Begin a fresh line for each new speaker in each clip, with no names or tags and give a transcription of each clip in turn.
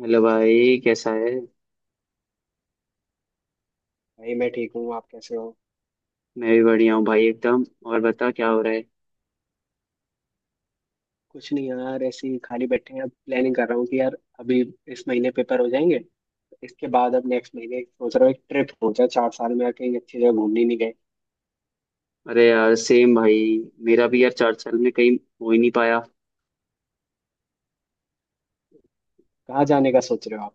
Hello भाई, कैसा है।
भाई मैं ठीक हूँ। आप कैसे हो?
मैं भी बढ़िया हूँ भाई, एकदम। और बता क्या हो रहा है।
कुछ नहीं यार, ऐसे ही खाली बैठे हैं। अब प्लानिंग कर रहा हूँ कि यार अभी इस महीने पेपर हो जाएंगे, तो इसके बाद अब नेक्स्ट महीने सोच रहा हूँ एक ट्रिप हो जाए। चार साल में कहीं अच्छी जगह घूमने नहीं गए।
अरे यार सेम भाई, मेरा भी यार चार साल में कहीं हो ही नहीं पाया।
कहाँ जाने का सोच रहे हो आप?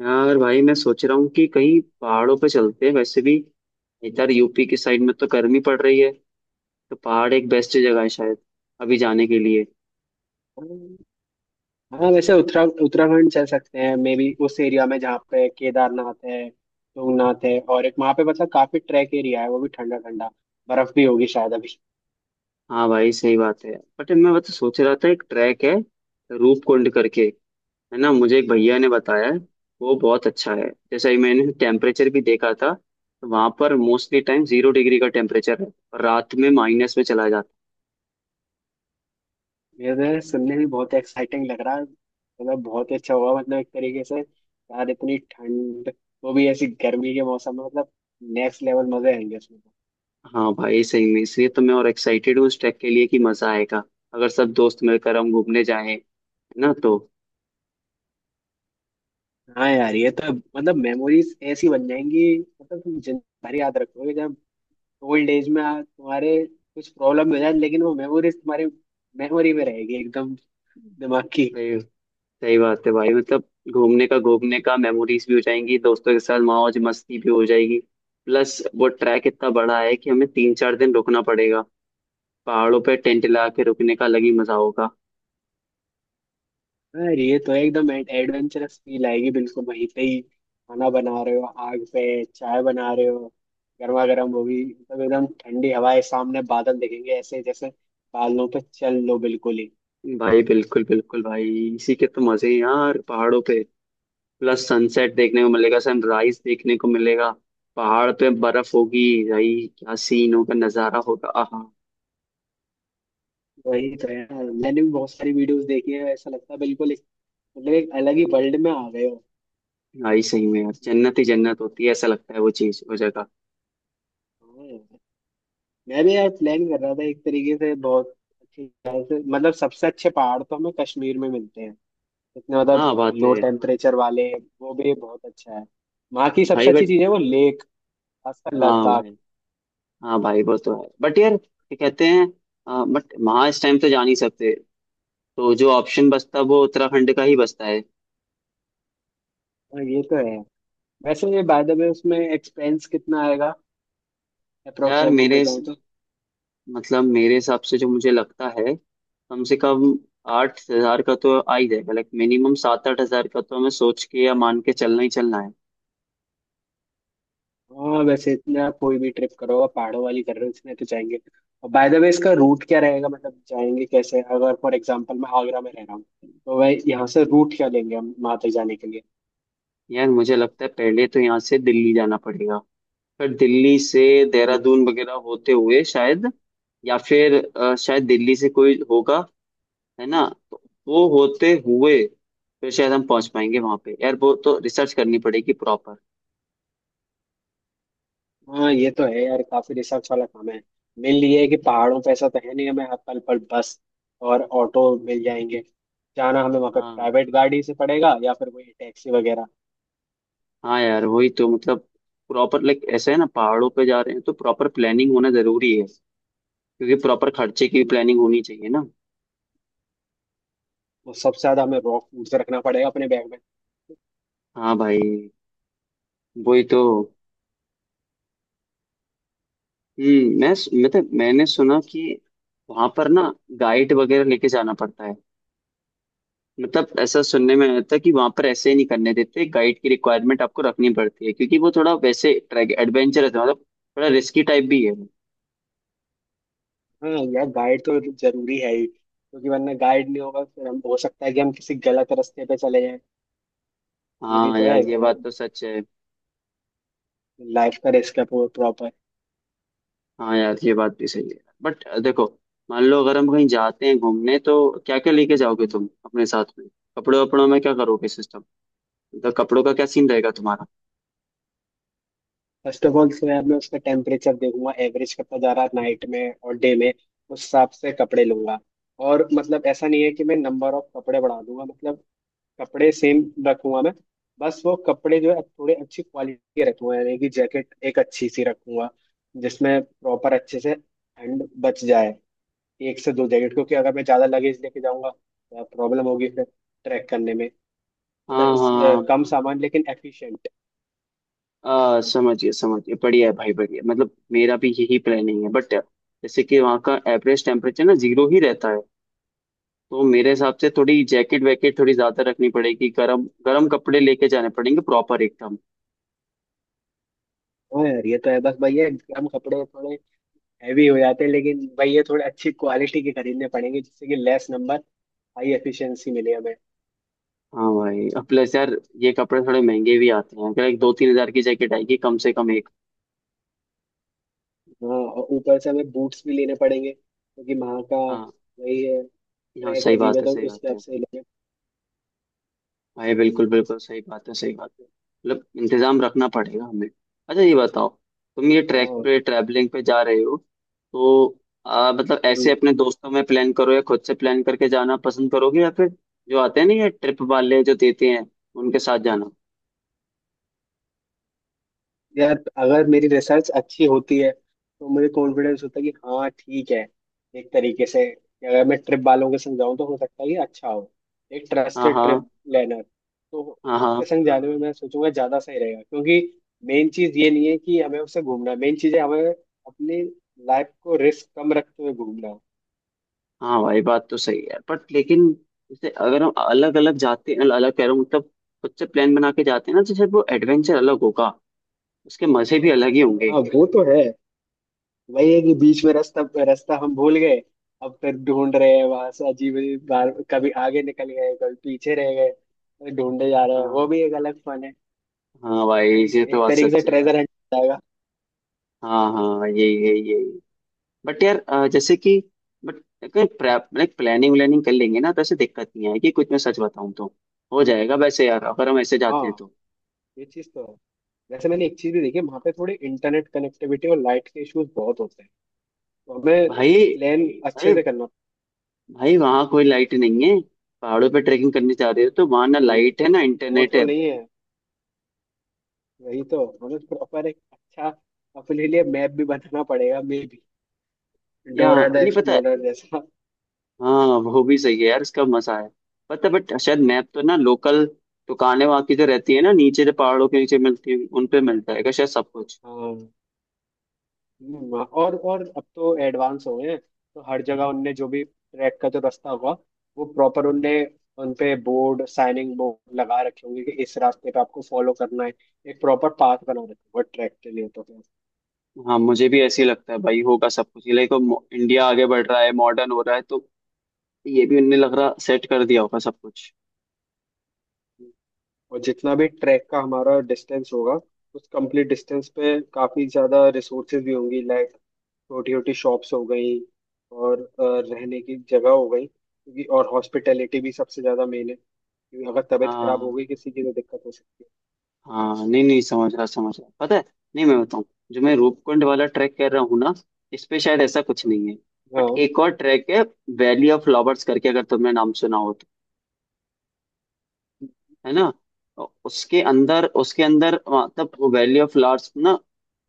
यार भाई मैं सोच रहा हूँ कि कहीं पहाड़ों पे चलते हैं, वैसे भी इधर यूपी की साइड में तो गर्मी पड़ रही है, तो पहाड़ एक बेस्ट जगह है शायद अभी जाने के लिए।
हम्म, हाँ वैसे उत्तराखंड चल सकते हैं मे बी। उस एरिया में जहाँ पे केदारनाथ है, तुंगनाथ है, और एक वहाँ पे मतलब काफी ट्रैक एरिया है। वो भी ठंडा ठंडा, बर्फ भी होगी शायद अभी।
हाँ भाई सही बात है, बट मैं बस सोच रहा था एक ट्रैक है रूपकुंड करके, है ना, मुझे एक भैया ने बताया है, वो बहुत अच्छा है। जैसे ही मैंने टेम्परेचर भी देखा था तो वहां पर मोस्टली टाइम जीरो डिग्री का टेम्परेचर है और रात में माइनस में चला जाता
ये सुनने में बहुत एक्साइटिंग लग रहा है। मतलब बहुत ही अच्छा हुआ, मतलब एक तरीके से यार इतनी ठंड वो भी ऐसी गर्मी के मौसम में, मतलब नेक्स्ट लेवल मजे आएंगे उसमें तो।
है। हाँ भाई सही में, इसलिए तो मैं और एक्साइटेड हूँ उस ट्रैक के लिए कि मजा आएगा अगर सब दोस्त मिलकर हम घूमने जाएं, है ना, तो
हाँ यार ये तो मतलब मेमोरीज ऐसी बन जाएंगी, मतलब तुम जिंदगी भर याद रखोगे। जब ओल्ड एज में तुम्हारे कुछ प्रॉब्लम हो जाए, लेकिन वो मेमोरीज तुम्हारी मेमोरी में रहेगी एकदम, दिमाग की।
सही। सही बात है भाई, मतलब घूमने का मेमोरीज भी हो जाएंगी, दोस्तों के साथ मौज मस्ती भी हो जाएगी। प्लस वो ट्रैक इतना बड़ा है कि हमें तीन चार दिन रुकना पड़ेगा, पहाड़ों पे टेंट लगा के रुकने का अलग ही मजा होगा।
अरे ये तो एकदम एडवेंचरस फील आएगी। बिल्कुल वहीं पे ही खाना बना रहे हो आग पे, चाय बना रहे हो गर्मा गर्म, वो भी मतलब एकदम ठंडी हवाएं, सामने बादल दिखेंगे ऐसे जैसे बादलों पे चल लो बिल्कुल ही।
भाई बिल्कुल बिल्कुल भाई, इसी के तो मजे हैं यार पहाड़ों पे। प्लस सनसेट देखने को मिलेगा, सनराइज देखने को मिलेगा, पहाड़ पे बर्फ होगी, भाई क्या सीन होगा, नजारा होगा, आहा।
वही तो है, मैंने भी बहुत सारी वीडियोस देखी है। ऐसा लगता है बिल्कुल मतलब एक अलग ही वर्ल्ड में आ गए हो।
भाई सही में यार, जन्नत ही जन्नत होती है, ऐसा लगता है वो चीज वो जगह।
हाँ यार। मैं भी यार प्लान कर रहा था एक तरीके से बहुत अच्छी तरह से। मतलब सबसे अच्छे पहाड़ तो हमें कश्मीर में मिलते हैं, जितने मतलब
हाँ बात
लो
है।
टेम्परेचर वाले। वो भी बहुत अच्छा है, वहाँ की
भाई
सबसे अच्छी
बट,
चीज़ है वो लेक, खासकर
हाँ
लद्दाख।
भाई, हाँ भाई वो तो है बट यार क्या कहते हैं, बट वहाँ इस टाइम तो जा नहीं सकते, तो जो ऑप्शन बचता है वो उत्तराखंड का ही बचता है।
हाँ। ये तो है। वैसे बाय द वे उसमें एक्सपेंस कितना आएगा अप्रोक्स,
यार
घूमने
मेरे,
जाए तो?
मतलब मेरे हिसाब से जो मुझे लगता है, कम से कम 8,000 का तो आ ही जाएगा, लाइक मिनिमम 7-8 हजार का तो हमें सोच के या मान के चलना ही चलना है।
हाँ वैसे इतना कोई भी ट्रिप करो, पहाड़ों वाली कर रहे हो इसमें तो जाएंगे। और बाय द वे इसका रूट क्या रहेगा? मतलब जाएंगे कैसे? अगर फॉर एग्जाम्पल मैं आगरा में रह रहा हूँ, तो वह यहाँ से रूट क्या लेंगे हम वहाँ तक जाने के
यार मुझे लगता है पहले तो यहाँ से दिल्ली जाना पड़ेगा, फिर दिल्ली से
लिए?
देहरादून वगैरह होते हुए शायद, या फिर शायद दिल्ली से कोई होगा, है ना, तो वो होते हुए फिर शायद हम पहुंच पाएंगे वहां पे। यार वो तो रिसर्च करनी पड़ेगी प्रॉपर।
हाँ ये तो है यार, काफी रिसर्च वाला काम है। मेन ये है कि पहाड़ों पे ऐसा तो है नहीं हमें हर पल पर बस और ऑटो मिल जाएंगे। जाना हमें वहाँ पे
हाँ
प्राइवेट गाड़ी से पड़ेगा या फिर कोई टैक्सी वगैरह।
हाँ यार, वही तो मतलब, प्रॉपर लाइक, ऐसा है ना, पहाड़ों पे जा रहे हैं तो प्रॉपर प्लानिंग होना जरूरी है क्योंकि प्रॉपर खर्चे की
तो
भी प्लानिंग होनी चाहिए ना।
सबसे ज्यादा हमें रॉ फूड से रखना पड़ेगा अपने बैग में।
हाँ भाई वही तो। मैं, मतलब
ये
मैंने
तो है।
सुना कि वहां पर ना गाइड वगैरह लेके जाना पड़ता है, मतलब ऐसा सुनने में आता है कि वहां पर ऐसे ही नहीं करने देते, गाइड की रिक्वायरमेंट आपको रखनी पड़ती है क्योंकि वो थोड़ा वैसे ट्रैक एडवेंचरस है, मतलब थोड़ा रिस्की टाइप भी है।
हाँ यार, गाइड तो जरूरी है ही क्योंकि वरना गाइड नहीं होगा फिर हम हो सकता है कि हम किसी गलत रास्ते पे चले जाएं। ये भी
हाँ
तो
यार
है,
ये बात तो सच है।
लाइफ का रिस्क है प्रॉपर।
हाँ यार ये बात भी सही है, बट देखो, मान लो अगर हम कहीं जाते हैं घूमने, तो क्या क्या लेके जाओगे तुम अपने साथ में। कपड़े वपड़ों में क्या करोगे सिस्टम, तो कपड़ों का क्या सीन रहेगा तुम्हारा।
फर्स्ट ऑफ ऑल मैं उसका टेम्परेचर देखूंगा एवरेज कितना जा रहा है नाइट में और डे में। उस हिसाब से कपड़े लूंगा। और मतलब ऐसा नहीं है कि मैं नंबर ऑफ कपड़े बढ़ा दूंगा, मतलब कपड़े सेम रखूंगा मैं। बस वो कपड़े जो है थोड़े अच्छी क्वालिटी के रखूंगा, यानी कि जैकेट एक अच्छी सी रखूंगा जिसमें प्रॉपर अच्छे से ठंड बच जाए। एक से दो जैकेट, क्योंकि अगर मैं ज़्यादा लगेज लेके जाऊंगा तो प्रॉब्लम होगी फिर ट्रैक करने में। मतलब
हाँ हाँ।
कम सामान लेकिन एफिशिएंट।
समझिए समझिए, बढ़िया है भाई बढ़िया, मतलब मेरा भी यही प्लानिंग है। बट जैसे कि वहाँ का एवरेज टेम्परेचर ना जीरो ही रहता है, तो मेरे हिसाब से थोड़ी जैकेट वैकेट थोड़ी ज्यादा रखनी पड़ेगी, गरम गरम कपड़े लेके जाने पड़ेंगे प्रॉपर एकदम।
हाँ यार ये तो है बस भैया, कम कपड़े थोड़े हैवी हो जाते हैं, लेकिन भाई ये थोड़े अच्छी क्वालिटी के खरीदने पड़ेंगे जिससे कि लेस नंबर, हाई एफिशिएंसी मिले हमें।
हाँ भाई, अब प्लस यार ये कपड़े थोड़े महंगे भी आते हैं, अगर 1-2-3 हजार की जैकेट आएगी कम से कम एक।
हाँ, और ऊपर से हमें बूट्स भी लेने पड़ेंगे क्योंकि वहाँ का
हाँ
वही है,
हाँ
ट्रैक
सही
अजीब
बात
है,
है,
तो
सही
उस
बात
हिसाब
है
से लेंगे।
भाई, बिल्कुल
हम्म,
बिल्कुल सही बात है, सही बात है, मतलब इंतजाम रखना पड़ेगा हमें। अच्छा ये बताओ, तुम ये ट्रैक
हाँ।
पे ट्रैवलिंग पे जा रहे हो, तो मतलब ऐसे
हम्म,
अपने दोस्तों में प्लान करो या खुद से प्लान करके जाना पसंद करोगे, या फिर जो आते हैं ना ये ट्रिप वाले जो देते हैं उनके साथ जाना।
यार अगर मेरी रिसर्च अच्छी होती है तो मुझे कॉन्फिडेंस होता है कि हाँ ठीक है, एक तरीके से कि अगर मैं ट्रिप वालों के संग जाऊँ तो हो सकता है कि अच्छा हो, एक
हाँ
ट्रस्टेड ट्रिप
हाँ
प्लानर। तो
हाँ हाँ।
उसके संग जाने में मैं सोचूंगा ज़्यादा सही रहेगा, क्योंकि मेन चीज़ ये नहीं है कि हमें उससे घूमना, मेन चीज़ है हमें अपनी लाइफ को रिस्क कम रखते हुए घूमना।
हाँ भाई बात तो सही है बट, लेकिन जैसे अगर हम अलग अलग जाते हैं, अलग कह रहा हूँ मतलब खुद से प्लान बना के जाते हैं ना, तो जैसे वो एडवेंचर अलग होगा, उसके मजे भी अलग ही होंगे।
हाँ वो तो है। वही है कि बीच में रास्ता रास्ता हम भूल गए, अब फिर ढूंढ रहे हैं वहां से। अजीब अजीब बार, कभी आगे निकल गए कभी पीछे रह गए, फिर ढूंढे जा रहे हैं, वो
हाँ
भी एक अलग फन है।
हाँ भाई, ये तो
एक
बात
तरीके से
सच है यार।
ट्रेजर हंट जाएगा।
हाँ हाँ, यही यही यही। बट यार जैसे कि, बट कहीं प्लानिंग व्लानिंग कर लेंगे ना तो ऐसे दिक्कत नहीं आएगी कुछ, मैं सच बताऊँ तो हो जाएगा वैसे यार, अगर हम ऐसे जाते हैं
हाँ,
तो।
ये चीज तो है। वैसे मैंने एक चीज भी देखी, वहां पे थोड़ी इंटरनेट कनेक्टिविटी और लाइट के इश्यूज बहुत होते हैं, तो हमें
भाई
प्लान अच्छे
भाई
से करना
भाई, वहाँ कोई लाइट नहीं है, पहाड़ों पे ट्रैकिंग करने जा रहे हो तो वहाँ ना
पड़ता है ये।
लाइट है ना
वो
इंटरनेट
तो
है,
नहीं है। वही तो हमें प्रॉपर एक अच्छा अपने लिए मैप भी बनाना पड़ेगा मे भी,
या
डोरा द
नहीं पता है।
एक्सप्लोरर जैसा।
हाँ वो भी सही है यार, इसका मजा है। पता, बट शायद मैप तो ना लोकल दुकानें वहाँ की जो रहती है ना नीचे, जो पहाड़ों के नीचे मिलती है, उन पे मिलता है क्या शायद सब कुछ।
हाँ। और अब तो एडवांस हो गए हैं, तो हर जगह उनने जो भी ट्रैक का जो रास्ता होगा वो प्रॉपर उनने उनपे बोर्ड, साइनिंग बोर्ड लगा रखे होंगे कि इस रास्ते पे आपको फॉलो करना है। एक प्रॉपर पाथ बना रखा होगा ट्रैक के लिए, तो फिर
हाँ मुझे भी ऐसे ही लगता है भाई, होगा सब कुछ, लाइक इंडिया आगे बढ़ रहा है, मॉडर्न हो रहा है, तो ये भी उनने लग रहा सेट कर दिया होगा सब कुछ।
और जितना भी ट्रैक का हमारा डिस्टेंस होगा उस कंप्लीट डिस्टेंस पे काफी ज्यादा रिसोर्सेज भी होंगी, लाइक छोटी छोटी शॉप्स हो गई और रहने की जगह हो गई, क्योंकि और हॉस्पिटैलिटी भी सबसे ज्यादा मेन है क्योंकि अगर तबीयत खराब हो
हाँ
गई किसी की तो दिक्कत हो सकती है।
हाँ, नहीं नहीं, समझ रहा समझ रहा, पता है। नहीं, मैं बताऊँ, जो मैं रूपकुंड वाला ट्रैक कर रहा हूँ ना, इस पे शायद ऐसा कुछ नहीं है। बट
हाँ,
एक और ट्रैक है वैली ऑफ फ्लावर्स करके, अगर तुमने नाम सुना हो तो। है ना, तो उसके अंदर मतलब वैली ऑफ फ्लावर्स ना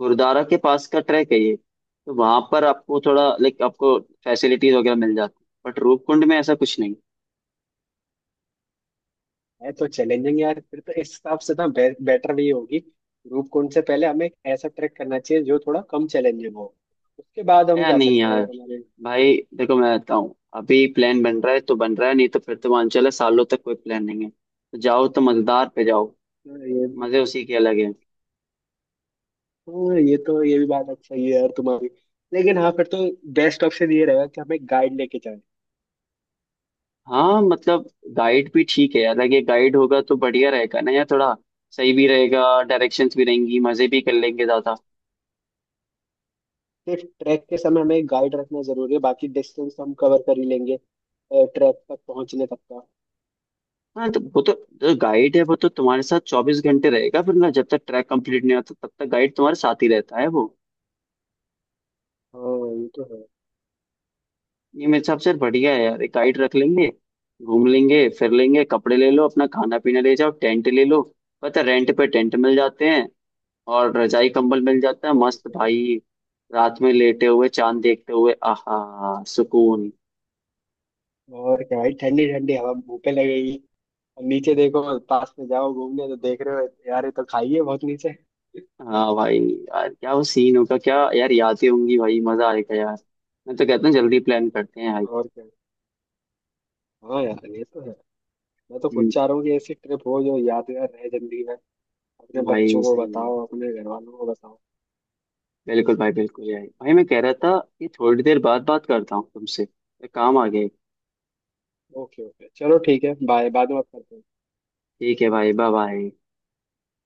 गुरुद्वारा के पास का ट्रैक है ये, तो वहां पर आपको थोड़ा लाइक आपको फैसिलिटीज वगैरह मिल जाती है, बट रूपकुंड में ऐसा कुछ नहीं
है तो चैलेंजिंग यार, फिर तो इस हिसाब से ना बेटर भी होगी रूपकुंड से पहले हमें एक ऐसा ट्रैक करना चाहिए जो थोड़ा कम चैलेंजिंग हो, उसके बाद
है,
हम
या
जा
नहीं
सकते हैं
यार।
अगर हमारे।
भाई देखो मैं कहता हूँ, अभी प्लान बन रहा है तो बन रहा है, नहीं तो फिर तो मान चले सालों तक कोई प्लान नहीं है, तो जाओ तो मजेदार पे जाओ,
हाँ। ये भी
मजे उसी के अलग है।
हाँ ये तो ये भी बात अच्छा ही है यार तुम्हारी। लेकिन हाँ फिर तो बेस्ट ऑप्शन ये रहेगा कि हमें गाइड लेके जाए।
हाँ मतलब, गाइड भी ठीक है यार, अगर गाइड होगा तो बढ़िया रहेगा ना यार, थोड़ा सही भी रहेगा, डायरेक्शंस भी रहेंगी, मजे भी कर लेंगे ज्यादा।
सिर्फ ट्रैक के समय हमें गाइड रखना जरूरी है, बाकी डिस्टेंस हम कवर कर ही लेंगे ट्रैक तक पहुंचने तक का।
हाँ तो वो तो, जो गाइड है वो तो तुम्हारे साथ 24 घंटे रहेगा फिर ना, जब तक ट्रैक कंप्लीट नहीं होता तब तक गाइड तुम्हारे साथ ही रहता है वो।
हाँ ये तो है।
ये मेरे हिसाब से बढ़िया है यार, एक गाइड रख लेंगे, घूम लेंगे, फिर लेंगे कपड़े ले लो, अपना खाना पीना ले जाओ, टेंट ले लो, पता रेंट पे टेंट मिल जाते हैं, और रजाई कंबल मिल जाता है,
और
मस्त
क्या।
भाई। रात में लेटे हुए चांद देखते हुए, आहा सुकून।
और क्या भाई, ठंडी ठंडी हवा मुंह पे लगेगी। नीचे देखो, पास में जाओ घूमने, तो देख रहे हो यार ये तो खाई है बहुत नीचे।
हाँ भाई यार क्या वो सीन होगा, क्या यार यादें होंगी, भाई मजा आएगा यार, मैं तो कहता हूँ जल्दी प्लान करते हैं भाई।
और क्या। हाँ यार ये तो है, मैं तो खुद चाह रहा हूँ कि ऐसी ट्रिप हो जो यादगार रहे जिंदगी में। अपने
भाई
बच्चों को
सही में,
बताओ, अपने घर वालों को बताओ।
बिल्कुल भाई बिल्कुल यार। भाई मैं कह रहा था कि थोड़ी देर बाद बात करता हूँ तुमसे, एक काम आ गया।
ओके ओके, चलो ठीक है, बाय, बाद में बात करते हैं।
ठीक है भाई, बाय बाय।